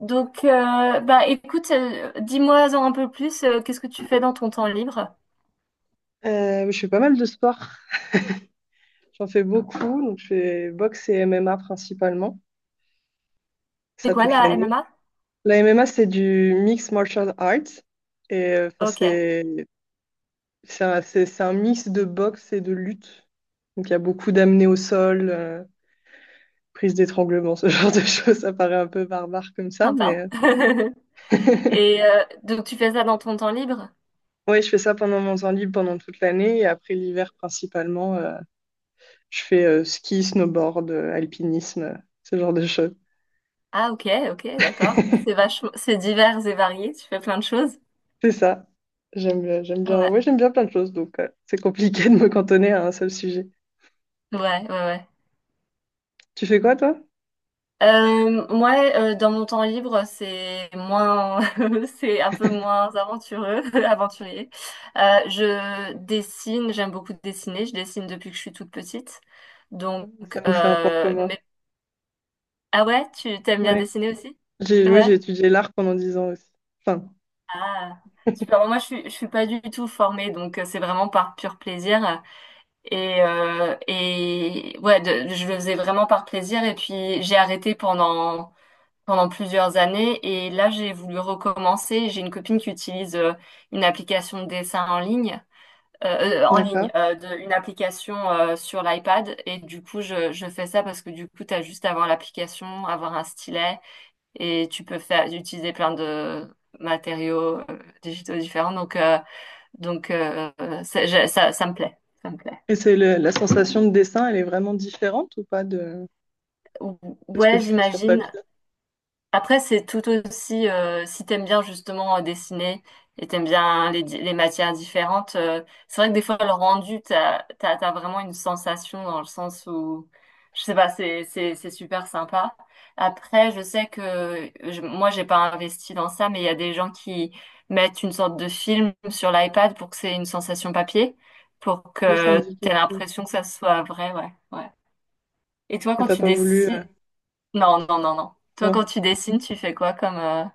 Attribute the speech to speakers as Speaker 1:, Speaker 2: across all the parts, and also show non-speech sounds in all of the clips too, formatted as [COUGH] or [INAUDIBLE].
Speaker 1: Écoute, dis-moi-en un peu plus. Qu'est-ce que tu fais dans ton temps libre?
Speaker 2: Je fais pas mal de sport. J'en fais beaucoup. Donc, je fais boxe et MMA principalement.
Speaker 1: C'est
Speaker 2: Ça
Speaker 1: quoi
Speaker 2: toute
Speaker 1: la
Speaker 2: l'année.
Speaker 1: MMA?
Speaker 2: La MMA, c'est du mixed martial arts. Et
Speaker 1: Ok,
Speaker 2: c'est c'est un mix de boxe et de lutte. Donc, il y a beaucoup d'amener au sol, prise d'étranglement, [LAUGHS] ce genre de choses. Ça paraît un peu barbare comme ça. Mais
Speaker 1: sympa. [LAUGHS]
Speaker 2: oui, [LAUGHS]
Speaker 1: Et donc, tu fais ça dans ton temps libre?
Speaker 2: je fais ça pendant mon temps libre, pendant toute l'année. Et après l'hiver, principalement, je fais ski, snowboard, alpinisme, ce genre de choses.
Speaker 1: Ah, ok, ok, d'accord. C'est vachement, c'est divers et varié. Tu fais plein de choses.
Speaker 2: C'est ça.
Speaker 1: Ouais,
Speaker 2: J'aime bien plein de choses, donc c'est compliqué [LAUGHS] de me cantonner à un seul sujet.
Speaker 1: ouais, ouais, ouais.
Speaker 2: Tu fais quoi, toi?
Speaker 1: Moi, dans mon temps libre, c'est moins, [LAUGHS] c'est un peu moins aventureux, [LAUGHS] aventurier. Je dessine, j'aime beaucoup dessiner. Je dessine depuis que je suis toute petite. Donc,
Speaker 2: Ça nous fait un point
Speaker 1: euh,
Speaker 2: commun.
Speaker 1: mais- ah ouais, tu t'aimes bien
Speaker 2: Ouais.
Speaker 1: dessiner aussi?
Speaker 2: Oui, j'ai
Speaker 1: Ouais.
Speaker 2: étudié l'art pendant 10 ans aussi. Enfin,
Speaker 1: Ah, super. Moi, je suis pas du tout formée, donc c'est vraiment par pur plaisir. Et ouais, je le faisais vraiment par plaisir. Et puis, j'ai arrêté pendant plusieurs années. Et là, j'ai voulu recommencer. J'ai une copine qui utilise une application de dessin en
Speaker 2: d'accord.
Speaker 1: ligne, une application sur l'iPad. Et du coup, je fais ça parce que du coup, tu as juste à avoir l'application, avoir un stylet et tu peux faire, utiliser plein de matériaux digitaux différents. Donc euh, Ça, ça me plaît. Ça me plaît.
Speaker 2: Et c'est la sensation de dessin, elle est vraiment différente ou pas de,
Speaker 1: Ou-
Speaker 2: de ce que
Speaker 1: Ouais,
Speaker 2: tu fais sur
Speaker 1: j'imagine.
Speaker 2: papier?
Speaker 1: Après, c'est tout aussi, si t'aimes bien justement dessiner et t'aimes bien les matières différentes, c'est vrai que des fois, le rendu, t'as vraiment une sensation dans le sens où, je sais pas, c'est super sympa. Après, je sais que moi, j'ai pas investi dans ça, mais il y a des gens qui mettent une sorte de film sur l'iPad pour que c'est une sensation papier, pour
Speaker 2: Oui, ça me
Speaker 1: que
Speaker 2: dit quelque
Speaker 1: t'aies
Speaker 2: chose.
Speaker 1: l'impression que ça soit vrai, ouais, ouais. Et toi,
Speaker 2: Et
Speaker 1: quand
Speaker 2: t'as
Speaker 1: tu
Speaker 2: pas voulu.
Speaker 1: dessines, non, non, non, non. Toi, quand
Speaker 2: Non.
Speaker 1: tu dessines, tu fais quoi comme... euh,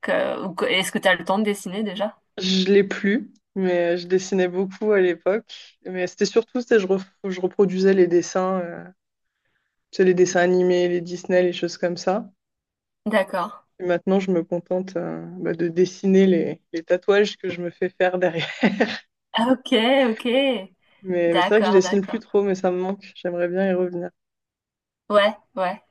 Speaker 1: que- ou que- Est-ce que tu as le temps de dessiner déjà?
Speaker 2: Je l'ai plus, mais je dessinais beaucoup à l'époque. Mais c'était surtout, je reproduisais les dessins, tu sais, les dessins animés, les Disney, les choses comme ça.
Speaker 1: D'accord.
Speaker 2: Et maintenant, je me contente bah, de dessiner les tatouages que je me fais faire derrière. [LAUGHS]
Speaker 1: Ah, ok, ok.
Speaker 2: Mais c'est vrai que je
Speaker 1: D'accord,
Speaker 2: dessine plus
Speaker 1: d'accord.
Speaker 2: trop, mais ça me manque. J'aimerais bien y revenir.
Speaker 1: Ouais, ouais.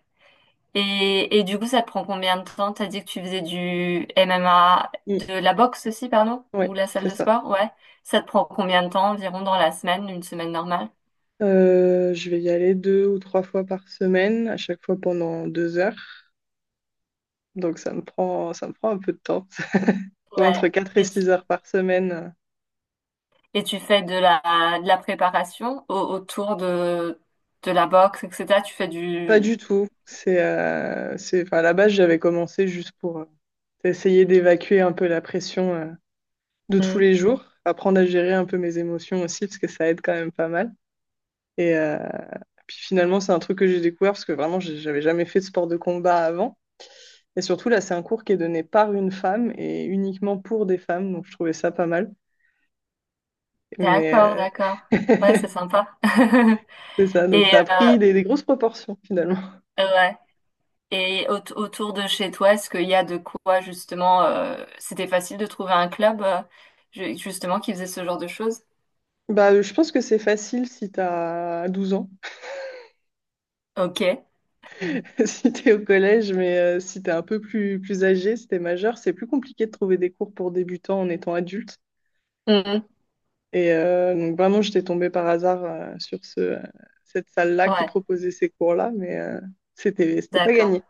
Speaker 1: Et du coup, ça te prend combien de temps? T'as dit que tu faisais du MMA,
Speaker 2: Mm.
Speaker 1: de la boxe aussi, pardon?
Speaker 2: Ouais,
Speaker 1: Ou la salle
Speaker 2: c'est
Speaker 1: de
Speaker 2: ça.
Speaker 1: sport? Ouais. Ça te prend combien de temps environ dans la semaine, une semaine normale?
Speaker 2: Je vais y aller 2 ou 3 fois par semaine, à chaque fois pendant 2 heures. Donc ça me prend un peu de temps. [LAUGHS] Ouais,
Speaker 1: Ouais.
Speaker 2: entre quatre et
Speaker 1: Et tu,
Speaker 2: six heures par semaine.
Speaker 1: et tu fais de la préparation autour de la boxe, etc. Tu fais
Speaker 2: Pas
Speaker 1: du...
Speaker 2: du tout. Enfin, à la base, j'avais commencé juste pour essayer d'évacuer un peu la pression de tous les jours, apprendre à gérer un peu mes émotions aussi, parce que ça aide quand même pas mal. Et puis finalement, c'est un truc que j'ai découvert parce que vraiment, j'avais jamais fait de sport de combat avant. Et surtout, là, c'est un cours qui est donné par une femme et uniquement pour des femmes. Donc, je trouvais ça pas mal.
Speaker 1: D'accord,
Speaker 2: Mais
Speaker 1: d'accord.
Speaker 2: euh,
Speaker 1: Ouais, c'est
Speaker 2: [LAUGHS]
Speaker 1: sympa. [LAUGHS]
Speaker 2: c'est ça.
Speaker 1: Et
Speaker 2: Donc, ça a
Speaker 1: euh,
Speaker 2: pris des grosses proportions finalement.
Speaker 1: ouais. Et autour de chez toi, est-ce qu'il y a de quoi justement c'était facile de trouver un club justement qui faisait ce genre de choses?
Speaker 2: Bah, je pense que c'est facile si t'as 12 ans,
Speaker 1: Ok. Mhm.
Speaker 2: [LAUGHS] si t'es au collège, mais si t'es un peu plus, plus âgé, si t'es majeur, c'est plus compliqué de trouver des cours pour débutants en étant adulte.
Speaker 1: Mhm.
Speaker 2: Et donc vraiment, j'étais tombée par hasard sur cette salle-là qui
Speaker 1: Ouais,
Speaker 2: proposait ces cours-là, mais c'était, c'était pas
Speaker 1: d'accord.
Speaker 2: gagné.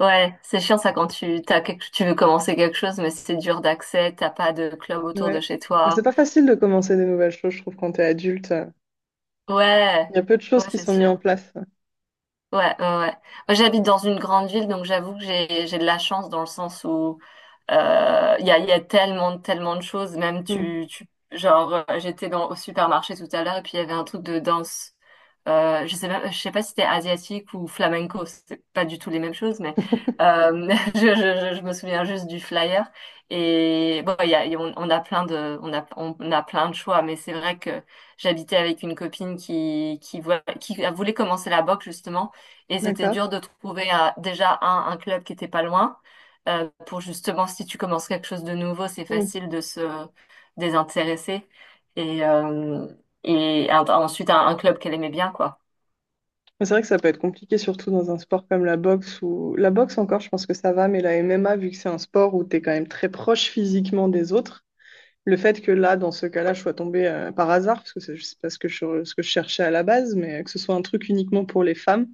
Speaker 1: Ouais, c'est chiant ça quand tu veux commencer quelque chose, mais c'est dur d'accès, t'as pas de club autour de
Speaker 2: Ouais.
Speaker 1: chez
Speaker 2: Mais c'est
Speaker 1: toi.
Speaker 2: pas facile de commencer des nouvelles choses, je trouve, quand t'es adulte.
Speaker 1: Ouais,
Speaker 2: Il y a peu de choses
Speaker 1: ouais,
Speaker 2: qui
Speaker 1: c'est
Speaker 2: sont mises
Speaker 1: sûr.
Speaker 2: en place.
Speaker 1: Ouais, ouais, ouais. Moi, j'habite dans une grande ville, donc j'avoue que j'ai de la chance dans le sens où il y a tellement, tellement de choses. Même
Speaker 2: Hmm.
Speaker 1: j'étais dans au supermarché tout à l'heure et puis il y avait un truc de danse. Je sais même, je sais pas si c'était asiatique ou flamenco, c'est pas du tout les mêmes choses, mais
Speaker 2: [LAUGHS]
Speaker 1: euh, [LAUGHS] je me souviens juste du flyer. Et bon, il y a- on a plein de, on a plein de choix, mais c'est vrai que j'habitais avec une copine qui voulait commencer la boxe justement. Et c'était
Speaker 2: D'accord.
Speaker 1: dur de trouver déjà un club qui était pas loin pour justement, si tu commences quelque chose de nouveau, c'est
Speaker 2: Hmm.
Speaker 1: facile de se désintéresser. Et, ensuite, un club qu'elle aimait bien, quoi.
Speaker 2: Mais c'est vrai que ça peut être compliqué, surtout dans un sport comme la boxe ou la boxe encore, je pense que ça va, mais la MMA, vu que c'est un sport où t'es quand même très proche physiquement des autres, le fait que là, dans ce cas-là, je sois tombée par hasard, parce que c'est je sais pas ce que, je, ce que je cherchais à la base, mais que ce soit un truc uniquement pour les femmes,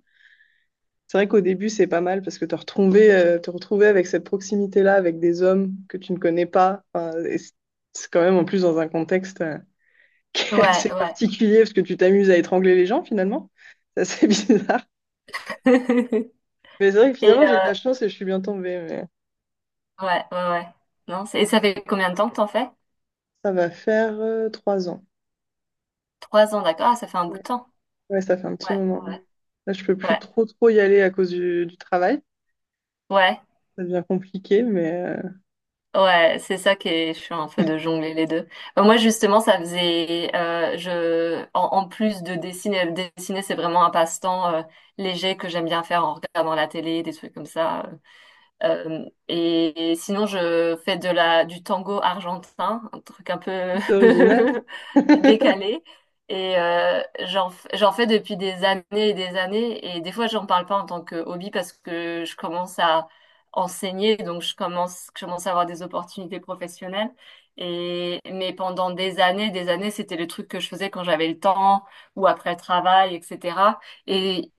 Speaker 2: c'est vrai qu'au début, c'est pas mal, parce que te retrouver avec cette proximité-là, avec des hommes que tu ne connais pas, enfin, et c'est quand même en plus dans un contexte [LAUGHS] qui est
Speaker 1: Ouais,
Speaker 2: assez
Speaker 1: ouais.
Speaker 2: particulier, parce que tu t'amuses à étrangler les gens, finalement. C'est assez [LAUGHS] bizarre.
Speaker 1: [LAUGHS]
Speaker 2: Mais c'est vrai que
Speaker 1: Et
Speaker 2: finalement, j'ai eu de la chance et je suis bien tombée. Mais
Speaker 1: ouais, ouais, ouais. Non, c'est- et ça fait combien de temps que t'en fais?
Speaker 2: ça va faire 3 ans.
Speaker 1: Trois ans, d'accord. Ah, ça fait un bout
Speaker 2: Ouais.
Speaker 1: de temps.
Speaker 2: Ouais, ça fait un petit
Speaker 1: Ouais,
Speaker 2: moment.
Speaker 1: ouais,
Speaker 2: Là, je peux plus
Speaker 1: ouais.
Speaker 2: trop y aller à cause du travail.
Speaker 1: Ouais.
Speaker 2: Ça devient compliqué, mais
Speaker 1: Ouais, c'est ça qui est chiant un peu de jongler les deux. Moi justement, ça faisait, en plus de dessiner, dessiner c'est vraiment un passe-temps léger que j'aime bien faire en regardant la télé, des trucs comme ça. Et sinon, je fais de la du tango argentin, un truc un peu
Speaker 2: c'est original.
Speaker 1: [LAUGHS]
Speaker 2: [LAUGHS]
Speaker 1: décalé. Et j'en fais depuis des années et des années. Et des fois, j'en parle pas en tant que hobby parce que je commence à enseigner, donc je commence à avoir des opportunités professionnelles. Et, mais pendant des années, c'était le truc que je faisais quand j'avais le temps ou après le travail, etc. Et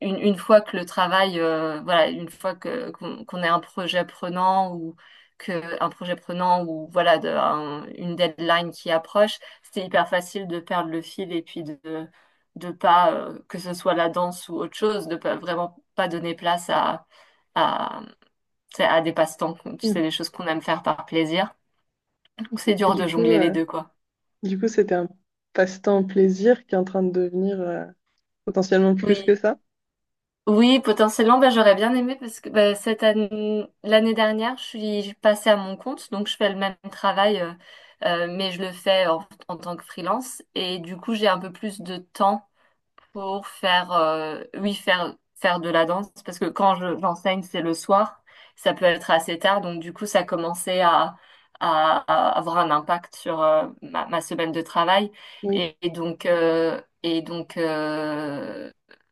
Speaker 1: une fois que le travail, voilà, une fois que qu'on ait un projet prenant ou que un projet prenant ou voilà une deadline qui approche c'était hyper facile de perdre le fil et puis de pas que ce soit la danse ou autre chose, de pas vraiment pas donner place à tu sais, à des passe-temps, tu sais, des choses qu'on aime faire par plaisir. Donc c'est
Speaker 2: Et
Speaker 1: dur de
Speaker 2: du coup,
Speaker 1: jongler les deux quoi.
Speaker 2: c'était un passe-temps plaisir qui est en train de devenir potentiellement plus que
Speaker 1: Oui.
Speaker 2: ça.
Speaker 1: Oui, potentiellement, bah, j'aurais bien aimé parce que bah, cette année, l'année dernière, je suis passée à mon compte, donc je fais le même travail, mais je le fais en, en tant que freelance. Et du coup, j'ai un peu plus de temps pour faire, oui, faire, faire de la danse, parce que quand j'enseigne, c'est le soir, ça peut être assez tard, donc du coup, ça commençait à avoir un impact sur ma semaine de travail.
Speaker 2: Oui.
Speaker 1: Et, et donc, euh, et donc, euh,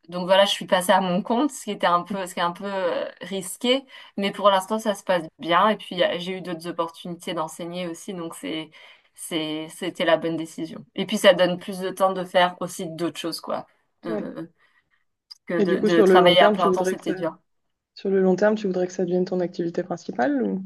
Speaker 1: donc voilà, je suis passée à mon compte, ce qui est un peu risqué, mais pour l'instant, ça se passe bien. Et puis, j'ai eu d'autres opportunités d'enseigner aussi, donc c'était la bonne décision. Et puis, ça donne plus de temps de faire aussi d'autres choses, quoi
Speaker 2: Ouais.
Speaker 1: de, que
Speaker 2: Et du coup,
Speaker 1: de travailler à plein temps, c'était dur.
Speaker 2: sur le long terme, tu voudrais que ça devienne ton activité principale ou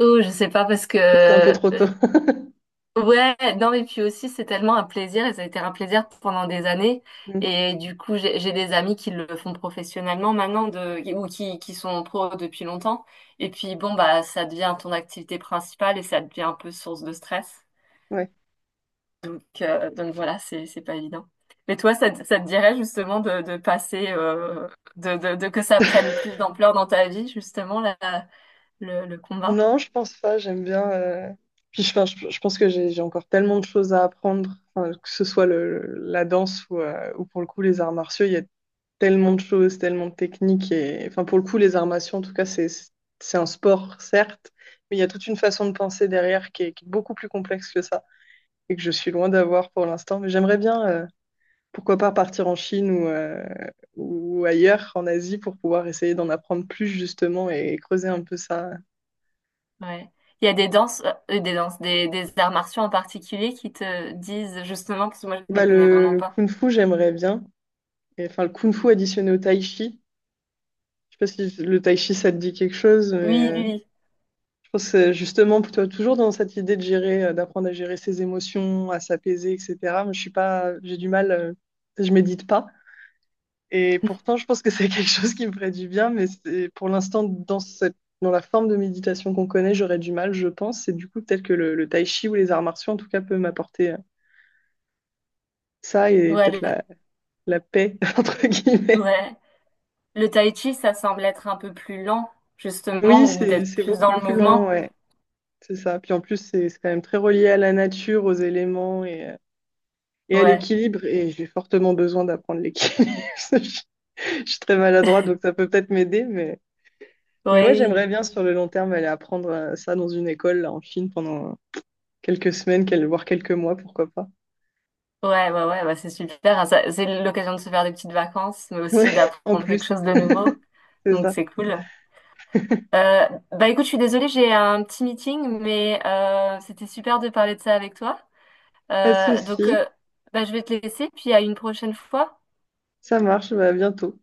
Speaker 1: Oh, je sais pas parce que
Speaker 2: c'est un peu trop tôt? [LAUGHS]
Speaker 1: ouais, non mais puis aussi c'est tellement un plaisir et ça a été un plaisir pendant des années
Speaker 2: Mm.
Speaker 1: et du coup j'ai des amis qui le font professionnellement maintenant de ou qui sont pro depuis longtemps et puis bon bah ça devient ton activité principale et ça devient un peu source de stress.
Speaker 2: Ouais.
Speaker 1: Donc voilà, c'est pas évident. Mais toi ça te dirait justement de passer de que ça prenne plus d'ampleur dans ta vie justement là le combat.
Speaker 2: Non, je pense pas. J'aime bien. Puis je, enfin, Je pense que j'ai encore tellement de choses à apprendre, enfin, que ce soit la danse ou pour le coup les arts martiaux. Il y a tellement de choses, tellement de techniques. Et... Enfin, pour le coup, les armations, en tout cas, c'est un sport, certes, mais il y a toute une façon de penser derrière qui est beaucoup plus complexe que ça et que je suis loin d'avoir pour l'instant. Mais j'aimerais bien, pourquoi pas, partir en Chine ou ailleurs, en Asie, pour pouvoir essayer d'en apprendre plus, justement, et creuser un peu ça.
Speaker 1: Ouais. Il y a des danses, des arts martiaux en particulier qui te disent justement, parce que moi je m'y
Speaker 2: Bah,
Speaker 1: connais vraiment
Speaker 2: le
Speaker 1: pas.
Speaker 2: kung-fu, j'aimerais bien. Et, enfin, le kung-fu additionné au tai chi. Je sais pas si le tai chi, ça te dit quelque chose, mais...
Speaker 1: Oui, oui,
Speaker 2: Je pense justement plutôt toujours dans cette idée de gérer, d'apprendre à gérer ses émotions, à s'apaiser, etc. Mais je suis pas, j'ai du mal, je médite pas. Et
Speaker 1: oui.
Speaker 2: pourtant, je pense que c'est [LAUGHS] quelque chose qui me ferait du bien, mais pour l'instant, dans la forme de méditation qu'on connaît, j'aurais du mal, je pense. Et du coup, peut-être que le tai chi ou les arts martiaux, en tout cas, peut m'apporter ça
Speaker 1: [LAUGHS]
Speaker 2: et
Speaker 1: ouais, le,
Speaker 2: la paix, [LAUGHS] entre guillemets.
Speaker 1: ouais. Le tai chi, ça semble être un peu plus lent,
Speaker 2: Oui,
Speaker 1: justement, ou d'être
Speaker 2: c'est
Speaker 1: plus
Speaker 2: beaucoup
Speaker 1: dans le
Speaker 2: plus lent,
Speaker 1: mouvement.
Speaker 2: ouais, c'est ça. Puis en plus, c'est quand même très relié à la nature, aux éléments et à
Speaker 1: Ouais,
Speaker 2: l'équilibre. Et j'ai fortement besoin d'apprendre l'équilibre. [LAUGHS] je, je suis très maladroite, donc ça peut peut-être m'aider.
Speaker 1: oui.
Speaker 2: Mais ouais,
Speaker 1: Oui.
Speaker 2: j'aimerais bien sur le long terme aller apprendre ça dans une école là, en Chine pendant quelques semaines, voire quelques mois, pourquoi pas.
Speaker 1: Ouais, ouais, ouais, bah c'est super. Hein, ça- c'est l'occasion de se faire des petites vacances, mais aussi
Speaker 2: Ouais, [LAUGHS] en
Speaker 1: d'apprendre quelque
Speaker 2: plus.
Speaker 1: chose de nouveau.
Speaker 2: [LAUGHS] C'est
Speaker 1: Donc
Speaker 2: ça.
Speaker 1: c'est cool. Bah écoute, je suis désolée, j'ai un petit meeting, mais c'était super de parler de ça avec toi.
Speaker 2: Pas de
Speaker 1: Euh, donc,
Speaker 2: souci.
Speaker 1: euh, bah, je vais te laisser, puis à une prochaine fois.
Speaker 2: Ça marche. Bah, à bientôt.